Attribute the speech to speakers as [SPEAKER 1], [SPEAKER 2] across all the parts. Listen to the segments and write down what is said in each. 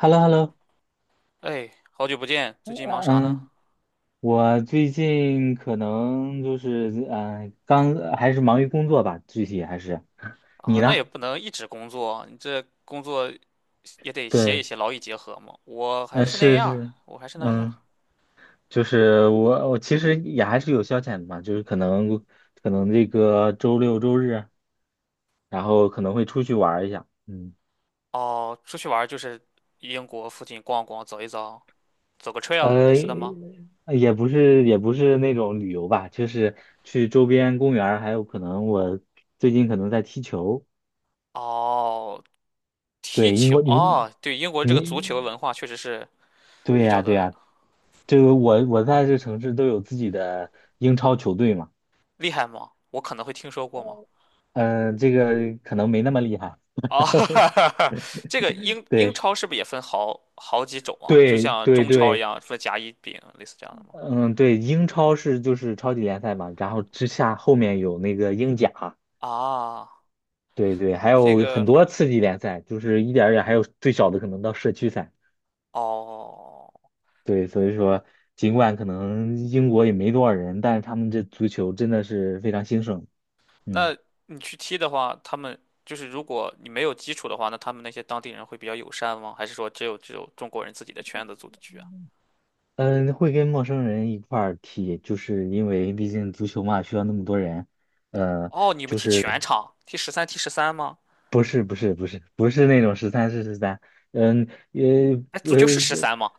[SPEAKER 1] hello hello
[SPEAKER 2] 哎，好久不见，最近忙啥呢？
[SPEAKER 1] 嗯，我最近可能就是刚还是忙于工作吧，具体还是你
[SPEAKER 2] 啊，那也
[SPEAKER 1] 呢？
[SPEAKER 2] 不能一直工作，你这工作也得歇一
[SPEAKER 1] 对，
[SPEAKER 2] 歇，劳逸结合嘛。我还是那
[SPEAKER 1] 是
[SPEAKER 2] 样儿
[SPEAKER 1] 是，
[SPEAKER 2] 我还是那样儿
[SPEAKER 1] 嗯，就是我其实也还是有消遣的嘛，就是可能这个周六周日，然后可能会出去玩儿一下，嗯，
[SPEAKER 2] 哦，出去玩儿就是英国附近逛逛，走一走，走个 trail 类
[SPEAKER 1] 呃，
[SPEAKER 2] 似的吗？
[SPEAKER 1] 也不是那种旅游吧，就是去周边公园儿还有可能我最近可能在踢球。
[SPEAKER 2] 哦，踢
[SPEAKER 1] 对，英
[SPEAKER 2] 球，
[SPEAKER 1] 国，你
[SPEAKER 2] 哦，对，英国这个足球
[SPEAKER 1] 你
[SPEAKER 2] 文化确实是
[SPEAKER 1] 对
[SPEAKER 2] 比
[SPEAKER 1] 呀
[SPEAKER 2] 较
[SPEAKER 1] 对
[SPEAKER 2] 的
[SPEAKER 1] 呀，这个我在这城市都有自己的英超球队嘛，
[SPEAKER 2] 厉害吗？我可能会听说过吗？
[SPEAKER 1] 嗯、这个可能没那么厉害，
[SPEAKER 2] 哦，这个英
[SPEAKER 1] 对
[SPEAKER 2] 超是不是也分好几种啊？就
[SPEAKER 1] 对
[SPEAKER 2] 像
[SPEAKER 1] 对
[SPEAKER 2] 中超一
[SPEAKER 1] 对，
[SPEAKER 2] 样分甲乙丙，类似这样的吗？
[SPEAKER 1] 嗯对，英超是就是超级联赛嘛，然后之下后面有那个英甲，
[SPEAKER 2] 啊，
[SPEAKER 1] 对对，还
[SPEAKER 2] 这
[SPEAKER 1] 有很
[SPEAKER 2] 个
[SPEAKER 1] 多次级联赛，就是一点儿一点儿，还有最小的可能到社区赛，
[SPEAKER 2] 哦，
[SPEAKER 1] 对，所以说尽管可能英国也没多少人，但是他们这足球真的是非常兴盛，嗯。
[SPEAKER 2] 那你去踢的话，他们就是如果你没有基础的话，那他们那些当地人会比较友善吗？还是说只有中国人自己的圈子组的局啊？
[SPEAKER 1] 嗯，会跟陌生人一块儿踢，就是因为毕竟足球嘛，需要那么多人。呃，
[SPEAKER 2] 哦，你们踢全场，踢十三吗？
[SPEAKER 1] 不是，不是，不是，不是那种十三是十三，嗯，
[SPEAKER 2] 哎，足球是
[SPEAKER 1] 呃，
[SPEAKER 2] 十三吗？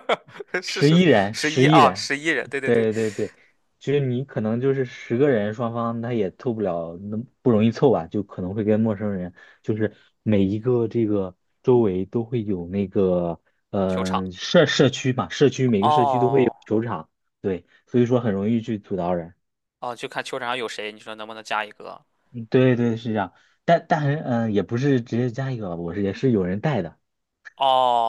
[SPEAKER 2] 是
[SPEAKER 1] 十
[SPEAKER 2] 十
[SPEAKER 1] 一人，
[SPEAKER 2] 十
[SPEAKER 1] 十
[SPEAKER 2] 一
[SPEAKER 1] 一
[SPEAKER 2] 啊，
[SPEAKER 1] 人，
[SPEAKER 2] 11人，对对对，
[SPEAKER 1] 对对对，就是你可能就是十个人，双方他也凑不了，那不容易凑吧，就可能会跟陌生人，就是每一个这个周围都会有那个，
[SPEAKER 2] 球场。
[SPEAKER 1] 社区嘛，社区每个社区都会有
[SPEAKER 2] 哦
[SPEAKER 1] 球场，对，所以说很容易去阻挠人。
[SPEAKER 2] 哦，就看球场上有谁，你说能不能加一个？
[SPEAKER 1] 对对是这样，但是也不是直接加一个吧我是也是有人带的，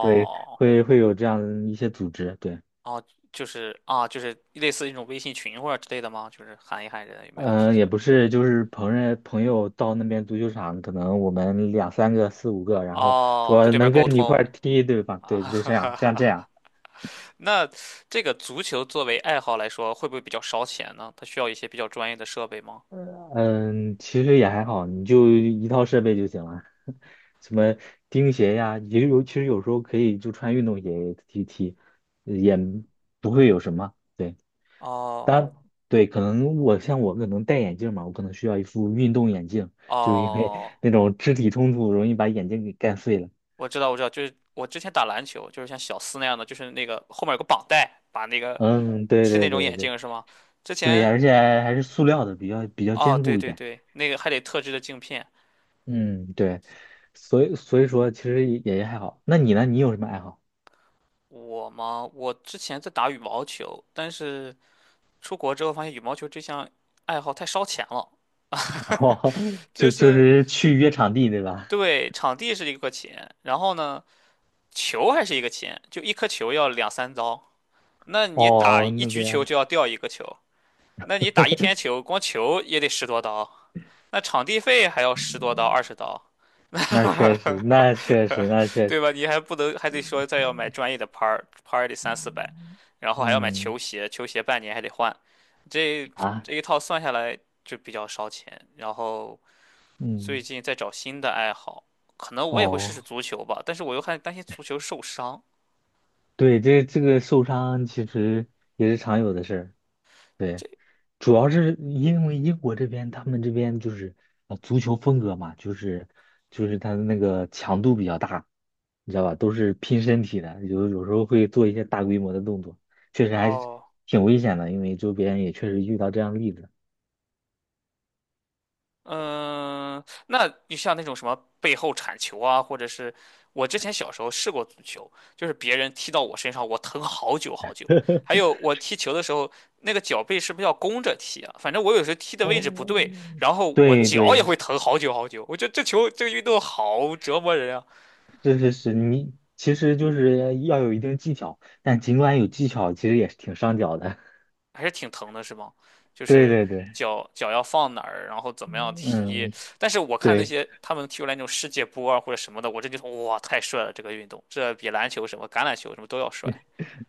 [SPEAKER 1] 对，会有这样一些组织，对，
[SPEAKER 2] 哦，就是啊，就是类似一种微信群或者之类的吗？就是喊一喊人有没有踢
[SPEAKER 1] 嗯、
[SPEAKER 2] 球。
[SPEAKER 1] 也
[SPEAKER 2] 的。
[SPEAKER 1] 不是就是朋友到那边足球场，可能我们两三个四五个，然后
[SPEAKER 2] 哦，跟
[SPEAKER 1] 说
[SPEAKER 2] 对面
[SPEAKER 1] 能
[SPEAKER 2] 沟
[SPEAKER 1] 跟你一块
[SPEAKER 2] 通
[SPEAKER 1] 儿踢，对吧？
[SPEAKER 2] 啊，
[SPEAKER 1] 对，就
[SPEAKER 2] 哈
[SPEAKER 1] 这样
[SPEAKER 2] 哈
[SPEAKER 1] 这
[SPEAKER 2] 哈
[SPEAKER 1] 样这样，
[SPEAKER 2] 哈。那这个足球作为爱好来说，会不会比较烧钱呢？它需要一些比较专业的设备吗？
[SPEAKER 1] 嗯、其实也还好，你就一套设备就行了，什么钉鞋呀，也有其实有时候可以就穿运动鞋踢踢，也不会有什么，对。当
[SPEAKER 2] 哦
[SPEAKER 1] 然对，可能我像我可能戴眼镜嘛，我可能需要一副运动眼镜，就是因为
[SPEAKER 2] 哦，
[SPEAKER 1] 那种肢体冲突容易把眼镜给干碎了。
[SPEAKER 2] 我知道，我知道，就是我之前打篮球，就是像小斯那样的，就是那个后面有个绑带，把那个
[SPEAKER 1] 嗯，对
[SPEAKER 2] 是
[SPEAKER 1] 对
[SPEAKER 2] 那种
[SPEAKER 1] 对
[SPEAKER 2] 眼
[SPEAKER 1] 对
[SPEAKER 2] 镜是吗？之
[SPEAKER 1] 对，
[SPEAKER 2] 前
[SPEAKER 1] 而且还是塑料的，比较
[SPEAKER 2] 哦，
[SPEAKER 1] 坚
[SPEAKER 2] 对
[SPEAKER 1] 固一
[SPEAKER 2] 对
[SPEAKER 1] 点。
[SPEAKER 2] 对，那个还得特制的镜片。
[SPEAKER 1] 嗯，对，所以说其实也还好。那你呢？你有什么爱好？
[SPEAKER 2] 我嘛，我之前在打羽毛球，但是出国之后发现羽毛球这项爱好太烧钱了。
[SPEAKER 1] 哦，
[SPEAKER 2] 就
[SPEAKER 1] 就就
[SPEAKER 2] 是
[SPEAKER 1] 是去约场地对吧？
[SPEAKER 2] 对，场地是一个钱，然后呢，球还是一个钱，就一颗球要两三刀。那你打
[SPEAKER 1] 哦，
[SPEAKER 2] 一
[SPEAKER 1] 那
[SPEAKER 2] 局球
[SPEAKER 1] 边
[SPEAKER 2] 就要掉一个球，那你打一天球，光球也得十多刀，那场地费还要十多刀、20刀，
[SPEAKER 1] 那确实，那确实，那 确实，
[SPEAKER 2] 对吧？你还不能还得说再要买专业的拍儿，拍儿得三四百，然后还要买
[SPEAKER 1] 嗯
[SPEAKER 2] 球鞋，球鞋半年还得换，这
[SPEAKER 1] 啊，
[SPEAKER 2] 这一套算下来就比较烧钱。然后最
[SPEAKER 1] 嗯
[SPEAKER 2] 近在找新的爱好，可能我也会试试
[SPEAKER 1] 哦。
[SPEAKER 2] 足球吧，但是我又害担心足球受伤。
[SPEAKER 1] 对，这个受伤其实也是常有的事儿。对，
[SPEAKER 2] 这
[SPEAKER 1] 主要是因为英国这边，他们这边就是啊，足球风格嘛，就是他的那个强度比较大，你知道吧？都是拼身体的，有时候会做一些大规模的动作，确实还是
[SPEAKER 2] 哦，
[SPEAKER 1] 挺危险的，因为周边也确实遇到这样的例子。
[SPEAKER 2] 嗯，那就像那种什么背后铲球啊，或者是我之前小时候试过足球，就是别人踢到我身上，我疼好久好久。还有我踢球的时候，那个脚背是不是要弓着踢啊？反正我有时候踢的位置不
[SPEAKER 1] 哦，
[SPEAKER 2] 对，然后我
[SPEAKER 1] 对
[SPEAKER 2] 脚也
[SPEAKER 1] 对，
[SPEAKER 2] 会疼好久好久。我觉得这个运动好折磨人啊。
[SPEAKER 1] 是是是，你其实就是要有一定技巧，但尽管有技巧，其实也是挺伤脚的。
[SPEAKER 2] 还是挺疼的，是吗？就
[SPEAKER 1] 对
[SPEAKER 2] 是
[SPEAKER 1] 对对，
[SPEAKER 2] 脚要放哪儿，然后怎么样踢。
[SPEAKER 1] 嗯。
[SPEAKER 2] 但是我看那
[SPEAKER 1] 对，
[SPEAKER 2] 些他们踢出来那种世界波啊或者什么的，我真觉得哇，太帅了！这个运动，这比篮球什么、橄榄球什么都要帅。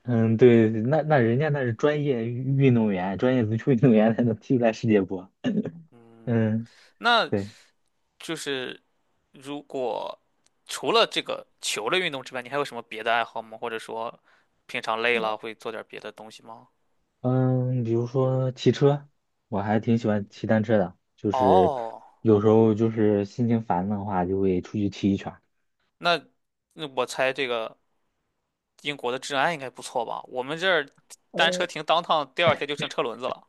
[SPEAKER 1] 嗯，对，那人家那是专业运动员，专业足球运动员才能踢出来世界波。嗯，
[SPEAKER 2] 那
[SPEAKER 1] 对，
[SPEAKER 2] 就是如果除了这个球类运动之外，你还有什么别的爱好吗？或者说平常累了会做点别的东西吗？
[SPEAKER 1] 嗯，比如说骑车，我还挺喜欢骑单车的，就是
[SPEAKER 2] 哦，
[SPEAKER 1] 有时候就是心情烦的话，就会出去骑一圈。
[SPEAKER 2] 那那我猜这个英国的治安应该不错吧？我们这儿单车停当趟，第二天就剩车轮子了。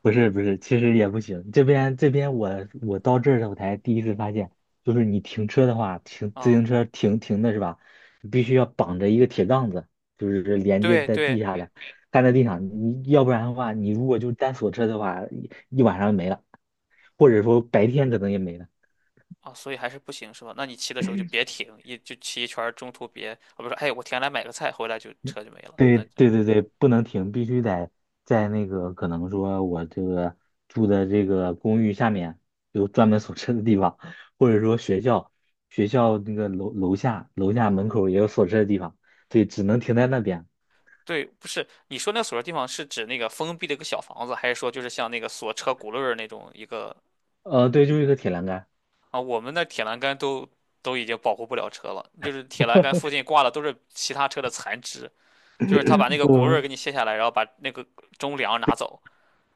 [SPEAKER 1] 不是不是，其实也不行。这边我到这儿我才第一次发现，就是你停车的话，停自行
[SPEAKER 2] 啊。
[SPEAKER 1] 车停停的是吧？你必须要绑着一个铁杠子，就是连接
[SPEAKER 2] 对
[SPEAKER 1] 在地
[SPEAKER 2] 对
[SPEAKER 1] 下的，干在地上。你要不然的话，你如果就单锁车的话，一晚上没了，或者说白天可能也没了。
[SPEAKER 2] 啊，所以还是不行是吧？那你骑的时候就别停，一就骑一圈儿中途别我不是，哎，我停下来买个菜，回来就车就没了。
[SPEAKER 1] 对
[SPEAKER 2] 那
[SPEAKER 1] 对对对，不能停，必须得在那个可能说我这个住的这个公寓下面有专门 锁车的地方，或者说学校那个楼下门
[SPEAKER 2] 嗯，
[SPEAKER 1] 口也有锁车的地方，对，只能停在那边。
[SPEAKER 2] 对，不是你说那个锁的地方是指那个封闭的一个小房子，还是说就是像那个锁车轱辘儿那种一个
[SPEAKER 1] 对，就是一个铁栏杆。
[SPEAKER 2] 啊？我们那铁栏杆都已经保护不了车了，就是铁栏杆附近挂的都是其他车的残肢，就是他把那个轱辘
[SPEAKER 1] 我
[SPEAKER 2] 儿给你卸下来，然后把那个中梁拿走，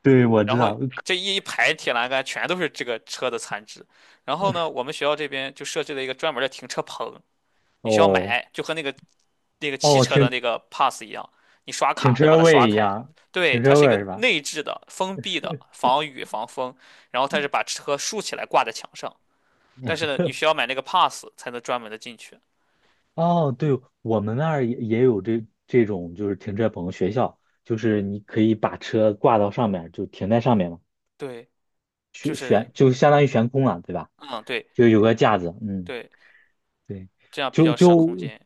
[SPEAKER 1] 对，我
[SPEAKER 2] 然
[SPEAKER 1] 知
[SPEAKER 2] 后
[SPEAKER 1] 道。
[SPEAKER 2] 这一排铁栏杆全都是这个车的残值。然后呢，我们学校这边就设置了一个专门的停车棚，你需要
[SPEAKER 1] 哦
[SPEAKER 2] 买，就和那个汽
[SPEAKER 1] 哦，
[SPEAKER 2] 车的
[SPEAKER 1] 停
[SPEAKER 2] 那个 pass 一样，你刷
[SPEAKER 1] 停
[SPEAKER 2] 卡能把
[SPEAKER 1] 车
[SPEAKER 2] 它刷
[SPEAKER 1] 位一
[SPEAKER 2] 开。
[SPEAKER 1] 样，
[SPEAKER 2] 对，
[SPEAKER 1] 停
[SPEAKER 2] 它
[SPEAKER 1] 车
[SPEAKER 2] 是一个
[SPEAKER 1] 位是吧？
[SPEAKER 2] 内置的、封闭的，防雨防风，然后它是把车竖起来挂在墙上。但是呢，你需要买那个 pass 才能专门的进去。
[SPEAKER 1] 哦，对，我们那儿也有这种，就是停车棚学校，就是你可以把车挂到上面，就停在上面嘛，
[SPEAKER 2] 对，就是，
[SPEAKER 1] 就相当于悬空了，对吧？
[SPEAKER 2] 嗯，对
[SPEAKER 1] 就有个架子，嗯，
[SPEAKER 2] 对，
[SPEAKER 1] 对，
[SPEAKER 2] 这样比
[SPEAKER 1] 就
[SPEAKER 2] 较省空
[SPEAKER 1] 就
[SPEAKER 2] 间。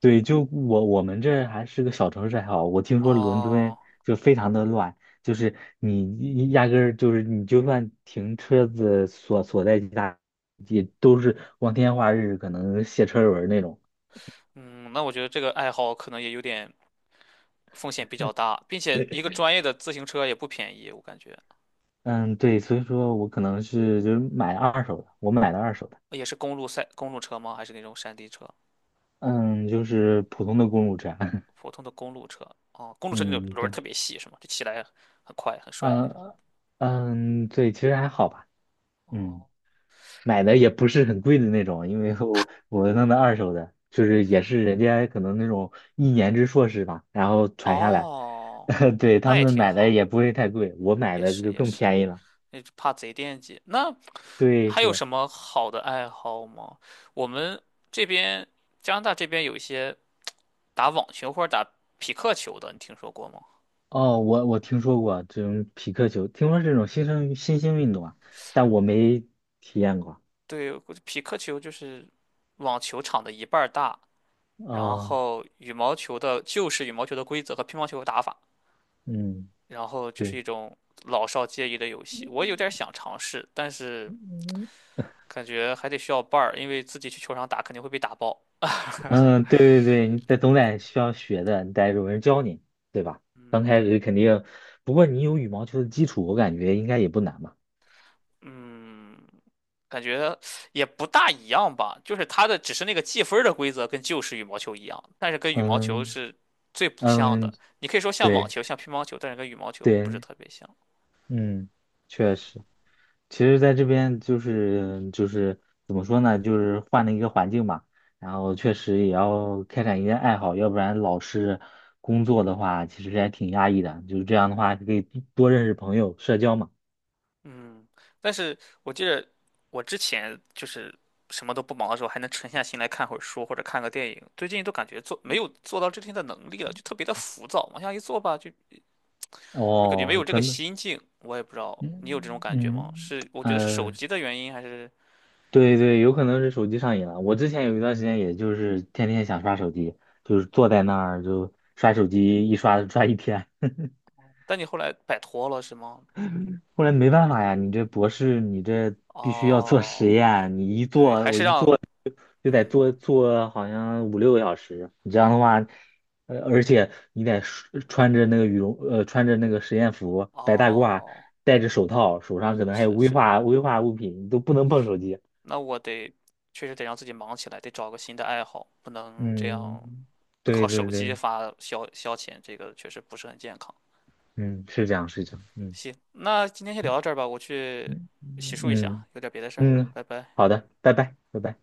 [SPEAKER 1] 对，就我们这还是个小城市还好，我听说伦敦
[SPEAKER 2] 哦，
[SPEAKER 1] 就非常的乱，就是你压根儿就是你就算停车子所在地大，也都是光天化日，可能卸车轮儿那种。
[SPEAKER 2] 嗯，那我觉得这个爱好可能也有点。风险比较大，并且一个专业的自行车也不便宜，我感觉
[SPEAKER 1] 嗯，对，所以说我可能是就是买二手的，我买的二手的，
[SPEAKER 2] 也是公路车吗？还是那种山地车？
[SPEAKER 1] 嗯，就是普通的公路车，
[SPEAKER 2] 普通的公路车哦，公路车那种
[SPEAKER 1] 嗯，
[SPEAKER 2] 轮儿
[SPEAKER 1] 对，
[SPEAKER 2] 特别细是吗？就骑来很快很帅那种。
[SPEAKER 1] 呃，嗯，对，其实还好吧，嗯，
[SPEAKER 2] 哦
[SPEAKER 1] 买的也不是很贵的那种，因为我弄的二手的，就是也是人家可能那种一年制硕士吧，然后传下来，
[SPEAKER 2] 哦，
[SPEAKER 1] 对，他
[SPEAKER 2] 那也
[SPEAKER 1] 们
[SPEAKER 2] 挺
[SPEAKER 1] 买的也
[SPEAKER 2] 好，
[SPEAKER 1] 不会太贵，我买
[SPEAKER 2] 也
[SPEAKER 1] 的
[SPEAKER 2] 是
[SPEAKER 1] 就
[SPEAKER 2] 也
[SPEAKER 1] 更
[SPEAKER 2] 是，
[SPEAKER 1] 便宜了，
[SPEAKER 2] 那就怕贼惦记。那
[SPEAKER 1] 对，
[SPEAKER 2] 还
[SPEAKER 1] 是
[SPEAKER 2] 有
[SPEAKER 1] 的。
[SPEAKER 2] 什么好的爱好吗？我们这边加拿大这边有一些打网球或者打匹克球的，你听说过吗？
[SPEAKER 1] 哦，我听说过这种匹克球，听说这种新兴运动啊，但我没体验过。
[SPEAKER 2] 对，我觉得匹克球就是网球场的一半儿大，然
[SPEAKER 1] 啊，
[SPEAKER 2] 后羽毛球的就是羽毛球的规则和乒乓球的打法，
[SPEAKER 1] 嗯，
[SPEAKER 2] 然后就是
[SPEAKER 1] 对，
[SPEAKER 2] 一种老少皆宜的游戏。我有点想尝试，但是
[SPEAKER 1] 嗯，
[SPEAKER 2] 感觉还得需要伴儿，因为自己去球场打肯定会被打爆。
[SPEAKER 1] 嗯对 对对，你得总得需要学的，你得有人教你，对吧？
[SPEAKER 2] 嗯，
[SPEAKER 1] 刚开
[SPEAKER 2] 对
[SPEAKER 1] 始肯定，不过你有羽毛球的基础，我感觉应该也不难吧。
[SPEAKER 2] 嗯，感觉也不大一样吧，就是它的只是那个计分儿的规则跟旧式羽毛球一样，但是跟羽毛球
[SPEAKER 1] 嗯
[SPEAKER 2] 是最不像
[SPEAKER 1] 嗯，
[SPEAKER 2] 的。你可以说像网
[SPEAKER 1] 对
[SPEAKER 2] 球、像乒乓球，但是跟羽毛球不是
[SPEAKER 1] 对，
[SPEAKER 2] 特别像。
[SPEAKER 1] 嗯，确实。其实在这边就是怎么说呢，就是换了一个环境嘛，然后确实也要开展一些爱好，要不然老是工作的话，其实还挺压抑的。就是这样的话，可以多认识朋友，社交嘛。
[SPEAKER 2] 嗯，但是我记得我之前就是什么都不忙的时候，还能沉下心来看会儿书或者看个电影。最近都感觉没有做到这天的能力了，就特别的浮躁。往下一坐吧，就感觉没
[SPEAKER 1] 哦，
[SPEAKER 2] 有这
[SPEAKER 1] 可
[SPEAKER 2] 个
[SPEAKER 1] 能，
[SPEAKER 2] 心境。我也不知道你有这种
[SPEAKER 1] 嗯
[SPEAKER 2] 感觉吗？
[SPEAKER 1] 嗯，
[SPEAKER 2] 是我觉得是手
[SPEAKER 1] 呃，
[SPEAKER 2] 机的原因，还是
[SPEAKER 1] 对对，有可能是手机上瘾了。我之前有一段时间，也就是天天想刷手机，就是坐在那儿就刷手机，一刷刷一天。
[SPEAKER 2] 但你后来摆脱了是吗？
[SPEAKER 1] 后来没办法呀，你这博士，你这必须要做实
[SPEAKER 2] 哦，
[SPEAKER 1] 验，你一
[SPEAKER 2] 对，
[SPEAKER 1] 做，
[SPEAKER 2] 还
[SPEAKER 1] 我
[SPEAKER 2] 是
[SPEAKER 1] 一
[SPEAKER 2] 让
[SPEAKER 1] 做就得
[SPEAKER 2] 嗯，
[SPEAKER 1] 做好像五六个小时，你这样的话，而且你得穿着那个羽绒，穿着那个实验服，白大褂，
[SPEAKER 2] 哦，
[SPEAKER 1] 戴着手套，手上可
[SPEAKER 2] 是
[SPEAKER 1] 能还有
[SPEAKER 2] 是
[SPEAKER 1] 危
[SPEAKER 2] 是，
[SPEAKER 1] 化危化物品，你都不能碰手机。
[SPEAKER 2] 那我得确实得让自己忙起来，得找个新的爱好，不能这样
[SPEAKER 1] 嗯，
[SPEAKER 2] 靠
[SPEAKER 1] 对对
[SPEAKER 2] 手机
[SPEAKER 1] 对，
[SPEAKER 2] 发消遣，这个确实不是很健康。
[SPEAKER 1] 嗯，是这样，是这样，嗯
[SPEAKER 2] 行，那今天先聊到这儿吧，我去
[SPEAKER 1] 嗯
[SPEAKER 2] 洗漱一下，
[SPEAKER 1] 嗯
[SPEAKER 2] 有点别的事儿，
[SPEAKER 1] 嗯，
[SPEAKER 2] 拜拜。
[SPEAKER 1] 好的，拜拜，拜拜。